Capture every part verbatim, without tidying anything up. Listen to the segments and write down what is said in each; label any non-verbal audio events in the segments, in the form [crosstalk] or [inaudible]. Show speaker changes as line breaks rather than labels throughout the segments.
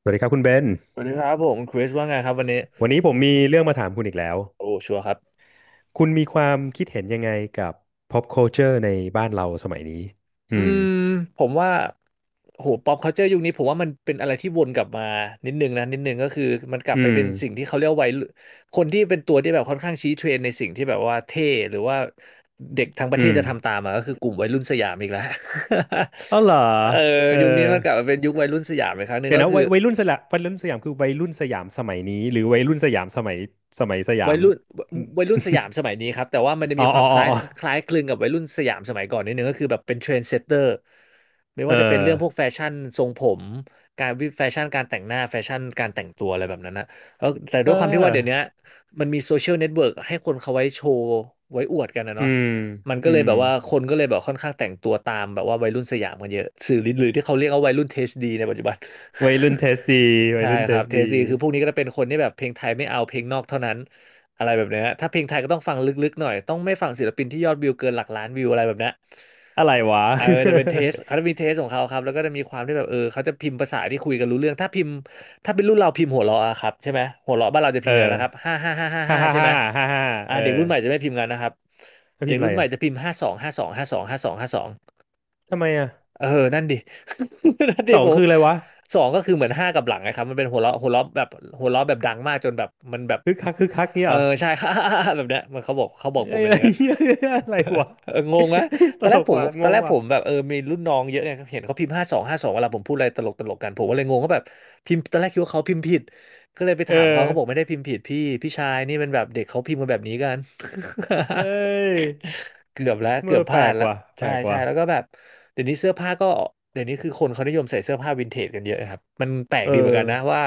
สวัสดีครับคุณเบน
สวัสดีครับผมคริสว่าไงครับวันนี้
วันนี้ผมมีเรื่องมาถามคุณอีกแล้ว
โอ้ชัวร์ครับ
คุณมีความคิดเห็นยังไงกับ pop culture ในบ้านเราสมัยนี้อื
อื
ม
มผมว่าโหป๊อปคัลเจอร์ยุคนี้ผมว่ามันเป็นอะไรที่วนกลับมานิดนึงนะนิดนึงก็คือมันกลับ
อื
ไป
ม
เป็นสิ่งที่เขาเรียกว่าวัยรุ่นคนที่เป็นตัวที่แบบค่อนข้างชี้เทรนด์ในสิ่งที่แบบว่าเท่หรือว่าเด็กทั้งประ
อื
เทศจะทำตา
ม
มอ่ะก็คือกลุ่มวัยรุ่นสยามอีกแล้ว
อ๋อเหรอ
[laughs] เออ
เออ
ยุคนี้มันกลับมาเป็นยุควัยรุ่นสยามอีกครั้งหนึ่ง
เดี๋ยว
ก็
นะ
คือ
วัยวัยรุ่นสยามวัยรุ่นสยามคือวัยรุ่นสยามสมัยนี้หรือวัยรุ่นสยามสมัยสมัยสยา
วัย
ม
รุ่นวัยวัยรุ่นสยามสมัยนี้ครับแต่ว่ามันจะ
[laughs] อ๋อ
มีค
อ๋
วา
อ
มค
อ๋อ
ล้าย
อ๋อ
คล้ายคลึงกับวัยรุ่นสยามสมัยก่อนนิดนึงก็คือแบบเป็นเทรนด์เซตเตอร์ไม่
เออ
ว่าจะเป็นเรื่องพวกแฟชั่นทรงผมการวิแฟชั่นการแต่งหน้าแฟชั่นการแต่งตัวอะไรแบบนั้นนะแล้วแต่ด้
เออ
วยความที่ว่าเดี๋ยวนี้มันมีโซเชียลเน็ตเวิร์กให้คนเขาไว้โชว์ไว้อวดกันนะ
อื
เนาะ
ม
มันก็
อื
เลย
ม
แบบว่าคนก็เลยแบบค่อนข้างแต่งตัวตามแบบว่าวัยรุ่นสยามกันเยอะสื่อหรือที่เขาเรียกว่าวัยรุ่นเทสดีในปัจจุบัน
วัยรุ่นเทสดีวัย
ใช่
รุ่นเท
ครับ
ส
เทส
ดี
ดีคือพวกนี้ก็จะเป็นคนที่แบบเพลงไทยไม่เอาเพลงนอกเท่านั้นอะไรแบบเนี้ยถ้าเพลงไทยก็ต้องฟังลึกๆหน่อยต้องไม่ฟังศิลปินที่ยอดวิวเกินหลักล้านวิวอะไรแบบเนี้ย
อะไรวะ
เออจะเป็นเทสเขาจะมีเทสของเขาครับแล้วก็จะมีความที่แบบเออเขาจะพิมพ์ภาษาที่คุยกันรู้เรื่องถ้าพิมพ์ถ้าเป็นรุ่นเราพิมพ์หัวเราะอะครับใช่ไหมหัวเราะบ้านเราจะ
[laughs]
พิมพ์อะไร
เออ
นะครับห้าห้าห้าห้า
ฮ่า
ห้า
ฮ่า
ใช่ไห
ฮ่า
ม
ฮ่าฮ่า
อ่า
เออ
เด็กรุ่นใหม่จะไม่พิมพ์กันนะครับ
ถ้า
เด็
พิม
ก
พ์อะ
รุ่
ไร
นใหม่
อ่ะ
จะพิมพ์ห้าสองห้าสองห้าสองห้าสองห้าสอง
ทำไมอ่ะ
เออ นั่นดิ [laughs] นั่นดิ
สอ
ผ
ง
ม
คืออะไรวะ
สองก็คือเหมือนห้ากับหลังนะครับมันเป็นหัวเราะหัวเราะแบบหัวเราะแบบดังมากจนแบบมันแบบ
คึกคักคึกคักเนี่ย
เอ
เห
อ
รอ
ใช่ [laughs] แบบเนี้ยมันเขาบอกเขาบอกผ
ไอ้
ม
ย
เป็
อะ
นอ
ไร
ย่างเงี้ย
เหี้ยอะไรวะ
เอองงนะ
[laughs]
ต
ต
อนแร
ล
กผ
ก
ม
ว่ะ
ต
ง
อนแร
ง
กผ
ว่ะ
มแบบเออมีรุ่นน้องเยอะไงเห็นเขาพิมพ์ห้าสองห้าสองเวลาผมพูดอะไรตลกตลกกันผมก็เลยงงว่าแบบพิมพ์ตอนแรกคิดว่าเขาพิมพ์ผิดก็เลยไป
เออ
ถามเขาเขาบอกไม่ได้พิมพ์ผิดพี่พี่ชายนี่มันแบบเด็กเขาพิมพ์กันแบบนี้กัน
เอ้
[laughs]
ย
เกือบแล้วเกื
เมื่
อ
อ
บพ
แปล
ลาด
ก
ละ
ว่ะแป
ใช่
ลก
ใช่
ว่ะ
แล้วก็แบบเดี๋ยวนี้เสื้อผ้าก็เดี๋ยวนี้คือคนเขานิยมใส่เสื้อผ้าวินเทจกันเยอะครับมันแปลก
เออ
ดีเหมือนกันนะว่า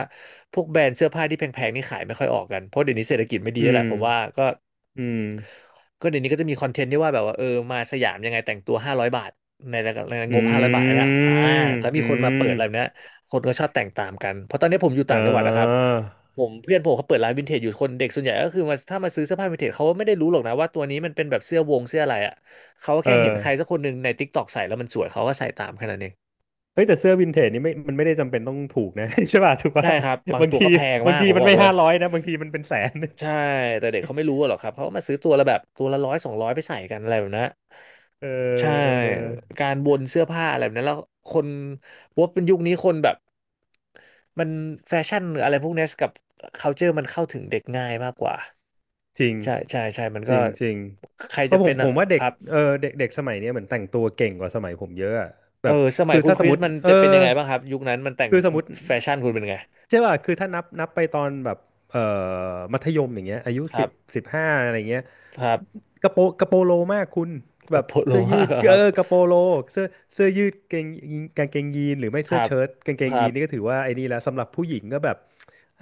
พวกแบรนด์เสื้อผ้าที่แพงๆนี่ขายไม่ค่อยออกกันเพราะเดี๋ยวนี้เศรษฐกิจไม่ดี
อื
แล้วแห
ม
ละผมว่าก็
อืม
ก็เดี๋ยวนี้ก็จะมีคอนเทนต์ที่ว่าแบบว่าเออมาสยามยังไงแต่งตัวห้าร้อยบาทในระดับใน
อื
งบห้าร้อยบาทนนะอ่า
ม
แล้ว
อื
มีคนมาเปิดอะไรแบบ
ม
เนี้ยคนก็ชอบแต่งตามกันเพราะตอนนี้ผมอยู่
เอ
ต่างจังหวัดนะครับ
อ
ผมเพื่อนผมเขาเปิดร้านวินเทจอยู่คนเด็กส่วนใหญ่ก็คือมาถ้ามาซื้อเสื้อผ้าวินเทจเขาไม่ได้รู้หรอกนะว่าตัวนี้มันเป็นแบบเสื้อวงเสื้ออะไรอ่ะเขา
เออ
แค่เห็นใครสักคนหนึ่งใน TikTok ใส่แล้วมันสวยเขาก็ใส่ตามแค่นั้นเอง
เฮ้ยแต่เสื้อวินเทจนี่ไม่มันไม่ได้จำเป็นต้องถูกนะ [laughs] ใช่ป่ะถูกป่ะ
ใช่ครับบาง
บาง
ตัว
ที
ก็แพง
บาง
มาก
ที
ผม
มัน
บอก
ไม่
เลย
ห้าร้อยนะบางทีมันเป็นแสน [laughs]
ใช่แต่เด็กเขาไม่รู้หรอกครับเขาก็มาซื้อตัวละแบบตัวละร้อยสองร้อยไปใส่กันอะไรแบบนั้น
เออ
ใช่
เออ
การวนเสื้อผ้าอะไรแบบนั้นแล้วคนว่าเป็นยุคนี้คนแบบมันแฟชั่นหรืออะไรพวกนี้กับ culture มันเข้าถึงเด็กง่ายมากกว่า
จริง
ใช่ใช่ใช่มัน
จ
ก็
ริงจริง
ใคร
เพ
จะ
ราะผ
เป็
ม
น
ผ
อะ
มว่าเด็
ค
ก
รับ
เออเด็กเด็กสมัยเนี้ยเหมือนแต่งตัวเก่งกว่าสมัยผมเยอะอะ
เอ
แบ
อ
บ
สมัย
คือ
คุณ
ถ้า
ค
สม
ริ
ม
ส
ติ
มัน
เออ
จะเป็นยังไงบ้างครับยุคนั้นมันแต่ง
คือสมมติ
แฟชั่นคุณเป็นไง
ใช่ป่ะคือถ้านับนับไปตอนแบบเอ่อมัธยมอย่างเงี้ยอายุ
ครั
สิบ
บ
สิบห้าอะไรเงี้ย
ครับ
กระโปกระโปโลมากคุณ
ก
แบ
ระ
บ
โปรงโล
เสื้อยื
มาก
ด
เหรอค
เอ
รับ
อกระโปโลเสื้อเสื้อยืดเกงกางเกงยีนหรือไม่
ค
เสื้
รั
อ
บ
เชิ้ตกางเก
ค
ง
รั
ยีนนี่ก็
บ
ถือว่าไอ้นี่แล้วสำหรับผู้หญิงก็แบบ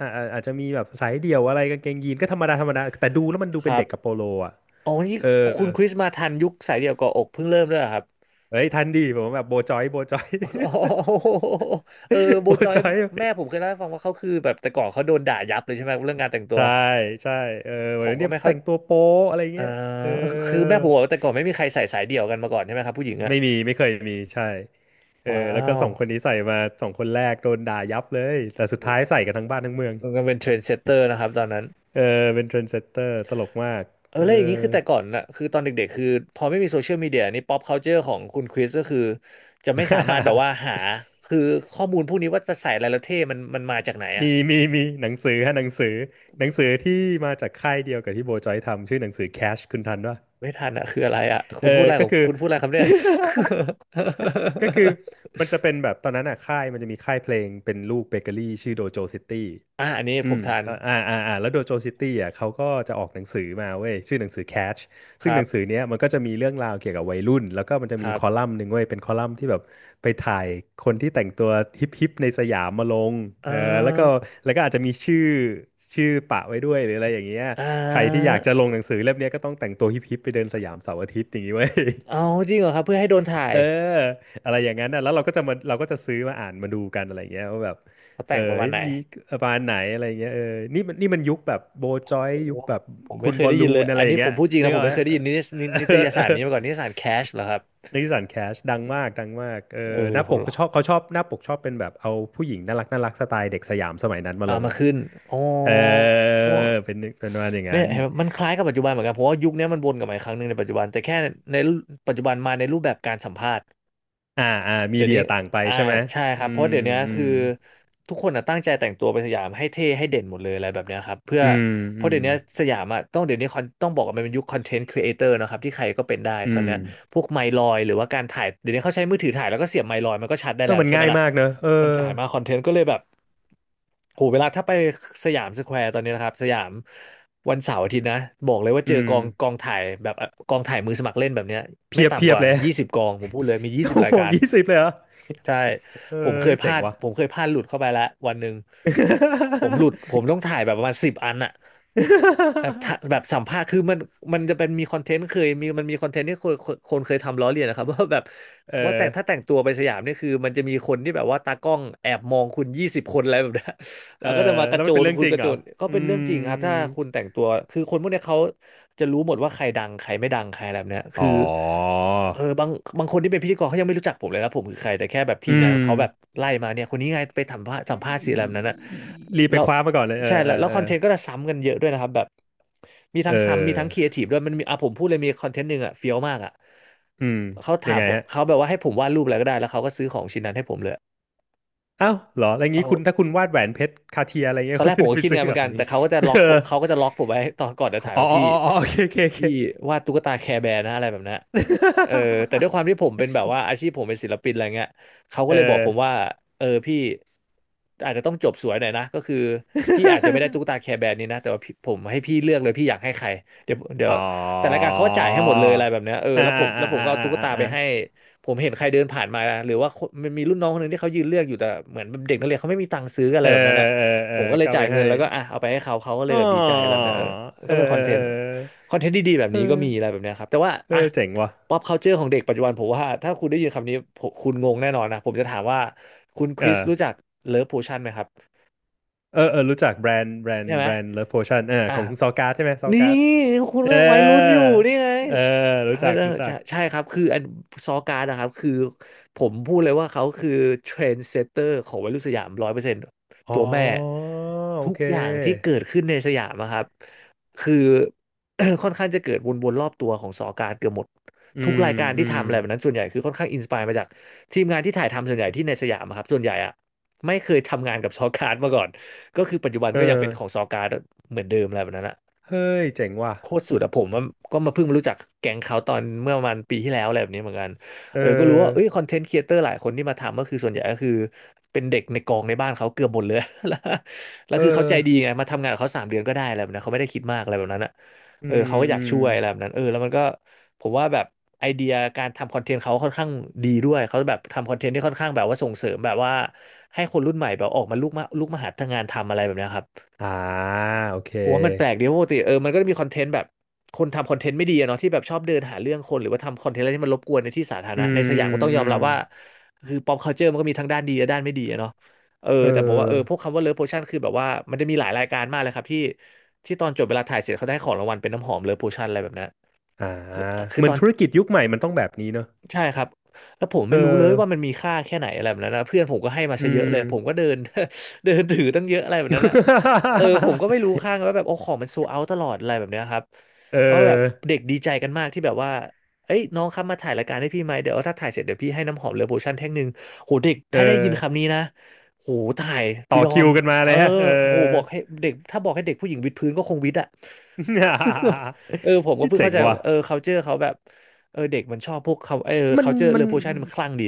อ่าอาอาจจะมีแบบสายเดี่ยวอะไรกางเกงยีนก็ธรรมดาธรรมดาแต่ดูแล้วมันดู
ค
เป็น
รั
เด็กกระ
บ
โปโลอ่ะ
อ๋อนี่
เออ
คุณคริสมาทันยุคสายเดี่ยวเกาะอกเพิ่งเริ่มด้วยเหรอครับ
เฮ้ยทันดีผมแบบโบจอยโบจอย
โอโห
[laughs]
[laughs] เออโบ
โบ
จอย
จอย [laughs]
แม่ผมเคยเล่าให้ฟังว่าเขาคือแบบแต่ก่อนเขาโดนด่ายับเลยใช่ไหมเรื่องการแต่งตัว
ใช่ใช่เออ
ผ
วัน
มก็
นี้
ไม่เข้า
แต่งตัวโป๊อะไร
เออ
เงี้ยเออ
คือแม่ผมบอกว่าแต่ก่อนไม่มีใครใส่สายเดี่ยวกันมาก่อนใช่ไหมครับผู้หญิงอะ
ไม่มีไม่เคยมีใช่เออ
ว้า
แล้วก็สองคนนี้ใส่มาสองคนแรกโดนด่ายับเลยแต่สุด
ว
ท้ายใส่กันทั้งบ้านทั้งเมือง
มันก็เป็นเทรนด์เซตเตอร์นะครับตอนนั้น
เออเป็นเทรนด์เซตเตอร์ตลกมาก
เออ
เอ
แล้วอย่างนี้
อ
คือแต่ก่อนน่ะคือตอนเด็กๆคือพอไม่มีโซเชียลมีเดียนี่ป๊อปคัลเจอร์ของคุณคริสก็คือจะไม่สา
[laughs]
มารถแบบว่าหาคือข้อมูลพวกนี้ว่าจะใส่อะไรแล้วเท่มันมันมาจากไหนอะ
มีมีมีหนังสือฮะหนังสือหนังสือที่มาจากค่ายเดียวกับที่โบจอยทำชื่อหนังสือ Cash คุณทันป่ะ
ไม่ทันอะคืออะไรอะ
เอ
คุ
อ
ณพูดอะไรข
ก็
อง
คือ
คุณพูดอะไรครับเนี่ย
[laughs] ก็คือ
[laughs]
มันจะเป็นแบบตอนนั้นอ่ะค่ายมันจะมีค่ายเพลงเป็นลูกเบเกอรี่ชื่อโดโจซิตี้
อ่ะอันนี้ผ
อื
ม
ม
ทัน
อ่าอ่าอ่าอ่าแล้วโดโจซิตี้อ่ะเขาก็จะออกหนังสือมาเว้ยชื่อหนังสือ Catch
ค
ซึ่ง
รั
หนังสือ
บ
เนี้ยมันก็จะมีเรื่องราวเกี่ยวกับวัยรุ่นแล้วก็มันจะ
ค
มี
รั
ค
บ
อลัมน์หนึ่งเว้ยเป็นคอลัมน์ที่แบบไปถ่ายคนที่แต่งตัวฮิปฮิปในสยามมาลง
อ่
เออแล้วก็
า
แล้วก็อาจจะมีชื่อชื่อปะไว้ด้วยหรืออะไรอย่างเงี้ย
อ่า
ใครที่อยากจะลงหนังสือเล่มเนี้ยก็ต้องแต่งตัวฮิปฮิปไปเดินสยามเสาร์อาทิตย์อย่างงี้เว้ย
เอาจริงเหรอครับเพื่อให้โดนถ่าย
เอออะไรอย่างนั้นนะแล้วเราก็จะมาเราก็จะซื้อมาอ่านมาดูกันอะไรอย่างเงี้ยว่าแบบ
เขา
เอ
แต่
อ
งประมาณ
เฮ้ย
ไหน
มีประมาณไหนอะไรอย่างเงี้ยเออนี่มันนี่มันยุคแบบโบจอย
โอ้โห
ยุคแบบ
ผม
คุ
ไม่
ณ
เค
บ
ย
อ
ได้
ลลู
ยินเลย
นอะ
อั
ไร
น
อ
นี้
ย่าง
ผ
เงี้ย
มพูดจริง
นึ
นะ
ก
ผ
อ
ม
อกไห
ไม่
ม
เคยได้
เออ
ยินนิสนินิ
เอ
ต
อ
ย
เอ
สาร
อ
นี้มาก่อนนิตยสา
[laughs]
รแคชเหรอครับ
นิสสันแคชดังมากดังมากเอ
เอ
อ
อ
ห
เดี๋
น้า
ยวผ
ป
ม
ก
ลอ
ก็
ง
ชอบเขาชอบหน้าปกชอบเป็นแบบเอาผู้หญิงน่ารักน่ารักสไตล์เด็กสยามสมัยนั้นมา
เอา
ลง
มา
อ่ะ
ขึ้นอ๋อ
เออเป็นเป็นประมาณอย่าง
เนี่
นั้
ย
น
เห็นไหมมันคล้ายกับปัจจุบันเหมือนกันเพราะว่ายุคนี้มันวนกลับมาอีกครั้งหนึ่งในปัจจุบันแต่แค่ในปัจจุบันมาในรูปแบบการสัมภาษณ์
อ่าอ่ามี
เดี๋ยว
เดี
นี้
ยต่างไป
อ่า
ใช่ไหม
ใช่ค
อื
รับเพ
ม
ราะเดี๋ยวนี้
อืม
คือทุกคนอะตั้งใจแต่งตัวไปสยามให้เท่ให้เด่นหมดเลยอะไรแบบเนี้ยครับเพื่อ
อืม
เพ
อื
ราะเดี๋
ม
ยวนี้สยามอ่ะต้องเดี๋ยวนี้คอนต้องบอกว่ามันเป็นยุคคอนเทนต์ครีเอเตอร์นะครับที่ใครก็เป็นได้
อื
ตอน
ม
เนี้ยพวกไมค์ลอยหรือว่าการถ่ายเดี๋ยวนี้เขาใช้มือถือถ่ายแล้วก็เสียบไมค์ลอยมันก็ชัดได้
เธอ
แล้ว
มัน
ใช่ไหม
ง่าย
ล่ะ
มากเนอะเออ
มันถ่ายมาคอนเทนต์ก็เลยแบบโหเวลาถ้าไปสยามสแควร์ตอนนี้นะครับสยามวันเสาร์อาทิตย์นะบอกเลยว่า
อื
เจอ
ม
กองกองถ่ายแบบกองถ่ายมือสมัครเล่นแบบเนี้ยไม่
เพียบเพี
ต่ำก
ยบ
ว่า
เลย
ยี่สิบกองผมพูดเลยมี
[laughs]
ยี่สิบ
โอ้
ราย
โห
การ
ยี่สิบเลยเหรอ
ใช่
เอ
ผม
อ
เคยพ
เจ๋
ลา
ง
ด
ว่ะ
ผมเคยพลาดหลุดเข้าไปแล้ววันหนึ่งผมหลุดผมต้องถ่ายแบบประมาณสิบอันอะ แบบถ้าแบบ
[laughs]
สัมภาษณ์คือมันมันจะเป็นมีคอนเทนต์เคยมีมันมีคอนเทนต์ที่คนคนคนเคยทำล้อเลียนนะครับ [laughs] ว่าแบบ
เอ
ว่าแต่ถ้า
อ
แต่งตัวไปสยามเนี่ยคือมันจะมีคนที่แบบว่าตากล้องแอบมองคุณยี่สิบคนอะไรแบบเนี้ย [laughs]
เอ
แล้
อ
วก็จะมาก
แล้
ระ
ว
โจ
มันเป็น
น
เรื่อง
คุณ
จริ
ก
ง
ระ
เหร
โจ
อ
นก็
อื
เป็นเรื่องจริงครับถ้า
ม
คุณแต่งตัวคือคนพวกเนี้ยเขาจะรู้หมดว่าใครดังใครไม่ดังใครอะไรแบบเนี้ยคือ
อ๋อ
เออบางบางคนที่เป็นพิธีกรเขายังไม่รู้จักผมเลยนะผมคือใครแต่แค่แบบที
อื
มงาน
ม
เขาแบบไล่มาเนี่ยคนนี้ไงไปสัมภาษณ์สัมภาษณ์สิอะไรแบบนั้นนะ
รีบไป
แล้ว
คว้ามาก่อนเลยเออ
ใช่
เอ
แล้ว
อ
แล้ว
เอ
ค
อ
อนเทนต์ก็จะซ้ำกันเยอะด้วยนะครับแบบมี
เอ
ทั้งซ้ำมีทั้งครี
อ
เอทีฟด้วยมันมีอ่ะผมพูดเลยมีคอนเทนต์หนึ่งอ่ะเฟี้ยวมากอ่ะ
อืม
เขา
ยั
ถา
ง
ม
ไงฮะ
เขาแบบว่าให้ผมวาดรูปอะไรก็ได้แล้วเขาก็ซื้อของชิ้นนั้นให้ผมเลย
อ้าวเหรออะไร
เอา
งี้คุณถ้าคุณวาดแหวนเพชรคาเทียอะไรเงี้
ตอ
ย
น
[laughs] คุ
แร
ณ
กผ
จะ
ม
ได้
ก็
ไป
คิด
ซื้อ
ไงานเห
เห
มื
ร
อ
อ
นกันแต่เขาก็จะล็อ
เอ
ก
อ
ผมเขาก็จะล็อกผมไว้ตอนก่อนจะถ่าย
อ๋อ
ว่า
อ๋อ
พี่
อ๋อโอเคโอเคโอเค
พี่
[laughs]
วาดตุ๊กตาแคร์แบร์นะอะไรแบบนั้นเออแต่ด้วยความที่ผมเป็นแบบว่าอาชีพผมเป็นศิลปินอะไรเงี้ยเขาก็
เอ
เลยบอกผมว่า
อ
เออพี่อาจจะต้องจบสวยหน่อยนะก็คือพี่อาจจะไม่ได้ตุ๊ก
[laughs]
ตาแคร์แบร์นี้นะแต่ว่าพี่ผมให้พี่เลือกเลยพี่อยากให้ใครเดี๋ยวเดี๋ยว
อ๋อ
แต่รายการเขาก็จ่ายให้หมดเลยอะไรแบบเนี้ยเออ
อ่า
แล้วผ
อ่า
ม
อ่า
แล้วผมก็เอา
อ่า
ตุ๊ก
อ่าอ่า
ตาไป
อ่า
ให้ผมเห็นใครเดินผ่านมาหรือว่าคนมันมีรุ่นน้องคนหนึ่งที่เขายืนเลือกอยู่แต่เหมือนเด็กนักเรียนเขาไม่มีตังค์ซื้อกันอะ
เอ
ไร
อ
แบบนั้นอ่ะ
เออเออ
ผมก็เลย
ก็
จ่า
ไป
ยเงิ
ให้
นแล้วก็อ่ะเอาไปให้เขาเขาก็เล
อ๋
ย
อ
แบบดีใจอะไรแบบเนี้ยเออมัน
เอ
ก็
อ
เป็นค
เอ
อน
อ
เท
เอ
นต์
อ
คอนเทนต์ดีๆแบบ
เอ
นี้ก็
อ
มีอะไรแบบเนี้ยครับแต่ว่า
เอ
อ่ะ
อเจ๋งว่ะ
pop culture ของเด็กปัจจุบันผมว่าถ้าคุณได้ยินคำนี้ผมคุณงงแน่นอนนะผมจะถามว่าคุณค
เอ
ริส
อ
รู้จักเลิฟโพชั่นไหมครับ
เออเออรู้จักแบรนด์แบรน
ใช่
ด์
ไหม
แบรนด์เลิฟโพชั่นเออ
อ่ะ
ของซอการ์ดใช่ไหมซอ
นี่
การ์ด
คุณ
เอ
ก็
อ
ยังวัยรุ่นอยู่นี่ไง
เออ
เออ
รู้จัก
เออ
รู้จั
ใช่
ก
ใช่ครับคืออันซอการ์ดนะครับคือผมพูดเลยว่าเขาคือเทรนด์เซตเตอร์ของวัยรุ่นสยามร้อยเปอร์เซ็นต์ตั
อ๋อ
วแม่
โอ
ทุก
เ
อย่างที่
ค
เกิดขึ้นในสยามอะครับคือ [clears throat] ค่อนข้างจะเกิดวนๆรอบตัวของซอการ์ดเกือบหมด
อื
ทุก
ม
รายการ
อื
ที่
ม
ทำอะไรแบบนั้นส่วนใหญ่คือค่อนข้างอินสปายมาจากทีมงานที่ถ่ายทำส่วนใหญ่ที่ในสยามอะครับส่วนใหญ่อะไม่เคยทำงานกับซอการ์ดมาก่อน ก็คือปัจจุบัน
เออ
ก็ยังเป็นของซอการ์ดเหมือนเดิมอะไรแบบนั้นอะ
เฮ้ยเจ๋งว่ะ
โคตรสุดอะผมว่าก็มาเพิ่งมารู้จักแก๊งเขาตอนเมื่อประมาณปีที่แล้วอะไรแบบนี้เหมือนกัน
เอ
เออก็รู้ว่าเอ้
อ
ยคอนเทนต์ครีเอเตอร์หลายคนที่มาทำก็คือส่วนใหญ่ก็คือเป็นเด็กในกองในบ้านเขาเกือบหมดเลย [laughs] แล้วแล้ว
เออ
คือเขาใจดีไงมาทำงานกับเขาสามเดือนก็ได้อะไรแบบนั้นเขาไม่ได้คิดมากอะไรแบบนั้นอะ
อื
เออเขา
ม
ก็อ
อื
ยาก
ม
ช่วยอะไรแบบนั้นเออแล้วมันก็ผมว่าแบบไอเดียการทำคอนเทนต์เขาค่อนข้างดีด้วยเขาแบบทำคอนเทนต์ที่ค่อนข้างแบบว่าส่งเสริมแบบว่าให้คนรุ่นใหม่แบบออกมาลุกมาลุกมาหาทำงานทำอะไรแบบเนี้ยครับ
อ่าโอเค
ผมว่ามันแปลกดีเพราะปกติเออมันก็จะมีคอนเทนต์แบบคนทำคอนเทนต์ไม่ดีอะเนาะที่แบบชอบเดินหาเรื่องคนหรือว่าทำคอนเทนต์อะไรที่มันรบกวนในที่สาธาร
อื
ณะใน
ม
สยามก็ต้องย
อื
อม
ม
รับว่าคือ pop culture มันก็มีทั้งด้านดีและด้านไม่ดีอะเนาะเออ
เ
แต่ผมว่าเออพ
ออ
วกคำว่า love potion คือแบบว่ามันจะมีหลายรายการมากเลยครับที่ที่ตอนจบเวลาถ่ายเสร็จเขาได้ของรางวัลเป็นน้ำหอม love potion อะไรแบบนั้น
อ่า
คือคือ
เหมือ
ต
น
อน
ธุรกิจยุคใหม่มันต้องแบบนี้เนอะ
ใช่ครับแล้วผม
เอ
ไม่รู้เลยว่ามัน
อ
มีค่าแค่ไหนอะไรแบบนั้นนะเพื่อนผมก็ให้มา
อื
ซะเยอะเล
ม
ยผมก็เดิน [laughs] เดินถือตั้งเยอะอะไรแบบนั้นนะเออผมก็ไม่รู้
[laughs]
ค่าไงว่าแบบโอ้ของมันโซเอาตลอดอะไรแบบเนี้ยครับ
เ
เพราะแบบ
ออ
เด็กดีใจกันมากที่แบบว่าเอ้ยน้องครับมาถ่ายรายการให้พี่ไหมเดี๋ยวถ้าถ่ายเสร็จเดี๋ยวพี่ให้น้ำหอมเลอโพชั่นแท่งหนึ่งโหเด็ก
เอ
ถ้าได้ยิน
อ
คำนี้นะโหถ่าย
ต่อ
ยอ
คิ
ม
วกันมา
เอ
เล
อ
ยฮะเอ
โห
อ
บอกให้เด็กถ้าบอกให้เด็กผู้หญิงวิดพื้นก็คงวิดอะ [laughs] เออผมก็
[laughs]
เพิ่ง
เจ๋
เข้า
ง
ใจ
ว่ะ
เออ culture เขาแบบ เออเด็กมันชอบพวกเขาเออ
มัน
เขาเจอ
มั
เร o
น
โพชั่นมันคลั่งดี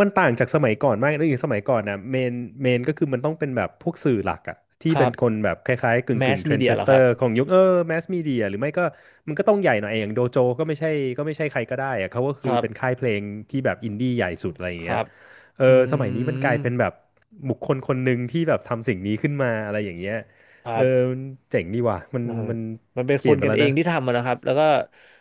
มันต่างจากสมัยก่อนมากเลยอย่างสมัยก่อนนะเมนเมนก็คือมันต้องเป็นแบบพวกสื่อหลักอะที่
ครั
เป็น
บ
คนแบบคล้ายๆกึ่ง
แม
กึ่
ส
งเทร
มี
น
เดี
ด์เซ
ยเห
ต
รอ
เต
ค
อ
รับ
ร์ของยุคเออแมสมีเดียหรือไม่ก็มันก็ต้องใหญ่หน่อยอย่างโดโจก็ไม่ใช่ก็ไม่ใช่ใครก็ได้อะเขาก็
ค
คือ
รั
เป็น
บ
ค่ายเพลงที่แบบอินดี้ใหญ่สุดอะไรอย่าง
ค
เงี้ย
รับ
เออ
อื
สมัยนี้มันกลา
ม
ยเป็นแบบบุคคลคนหนึ่งที่แบบทำสิ่งนี้ขึ้นมาอะไรอย่างเงี้ย
ครั
เออ
บ
มันเจ๋งดีว่ะมัน
เออ
มัน
มันเป็น
เป
ค
ลี่ย
น
นไป
กัน
แล้ว
เอง
นะ
ที่ทำมันนะครับแล้วก็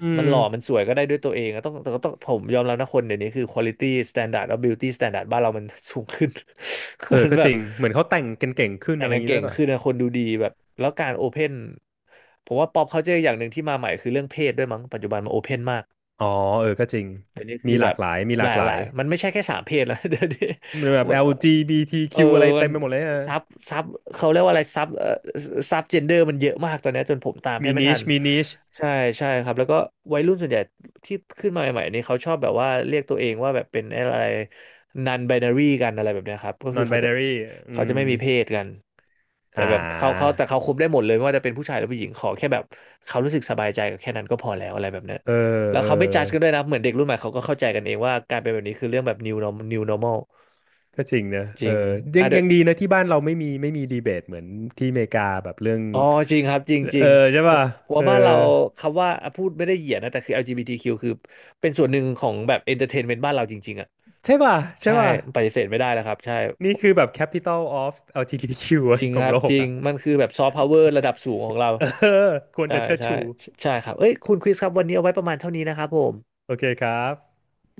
อื
มันห
ม
ล่อมันสวยก็ได้ด้วยตัวเองอะต้องแต่ก็ต้องผมยอมรับนะคนเดี๋ยวนี้คือ quality standard แล้ว beauty standard บ้านเรามันสูงขึ้น [laughs] เพ
เออ
ราะฉะนัน
ก็
แบ
จ
บ
ริงเหมือนเขาแต่งกันเก่งขึ้น
แต่
อะ
ง
ไรอ
กั
ย่า
น
งงี้ด้
เก่
ว
ง
ยป่ะ
ขึ้นนะคนดูดีแบบแล้วการโอเพนผมว่าป๊อปเขาเจออย่างหนึ่งที่มาใหม่คือเรื่องเพศด้วยมั้งปัจจุบันมันโอเพนมาก
อ๋อเออก็จริง
เดี๋ยวนี้คื
มี
อ
ห
แบ
ลา
บ
กหลายมีห
ห
ลา
ลา
ก
ก
ห
ห
ลา
ลา
ย
ยมันไม่ใช่แค่สามเพศแล้ว [laughs] เดี๋ยวนี้
มีแบ
ห
บ
มด เออ
แอล จี บี ที คิว อลจีบีทีคิวอะไร
มั
เต็
น
มไปหมดเลยอะ
ซับซับเขาเรียกว่าอะไรซับเอ่อซับเจนเดอร์มันเยอะมากตอนเนี้ยจนผมตามแท
มี
บไม่ทั
niche
น
มี niche
ใช่ใช่ครับแล้วก็วัยรุ่นส่วนใหญ่ที่ขึ้นมาใหม่ๆนี่เขาชอบแบบว่าเรียกตัวเองว่าแบบเป็นอะไรนันไบนารีกันอะไรแบบเนี้ยครับก็คือ
non
เขาจะ
binary อื
เขาจะ
ม
ไม่มีเพศกันแต่
อ่า
แบบเขาเขาแต่เขาคุมได้หมดเลยไม่ว่าจะเป็นผู้ชายหรือผู้หญิงขอแค่แบบเขารู้สึกสบายใจกับแค่นั้นก็พอแล้วอะไรแบบเนี้ย
เออ
แล้ว
เออ
เขาไม่จัดกันด้วยนะเหมือนเด็กรุ่นใหม่เขาก็เข้าใจกันเองว่าการเป็นแบบนี้คือเรื่องแบบ new norm- new normal
ก็จริงนะ
จ
เอ
ริง
อยั
อ่ะ
ง
เดย
ยั
ว
งดีนะที่บ้านเราไม่มีไม่มีดีเบตเหมือนที่อเมริกาแบบเรื่อง
อ๋อจริงครับ จริงจริ
เออ
ง
ใช่
ผม
ป่ะ
ผม
เออ
ว่าบ้านเราคำว่าอ่ะพูดไม่ได้เหยียดนะ แต่คือ แอล จี บี ที คิว ควคือเป็นส่วนหนึ่งของแบบเอนเตอร์เทนเมนต์บ้านเราจริงๆอ่ะ
ใช่ป่ะใช่
ใช่
ป่ะ
ปฏิเสธไม่ได้แล้วครับ ใช่
นี่คือแบบ capital of แอล จี บี ที คิว
จริง
ข
ค
อง
รับ
โล
จ
ก
ริง
อ่ะ
มันคือแบบซอฟต์พาวเวอร์ระดับสูงของเรา
เออควร
ใช่
จะเชิด
ใช่
ชู
ใช่ครับเอ้ยคุณคริสครับ วันนี้เอาไว้ประมาณเท่านี้นะครับผม
โอเคครับ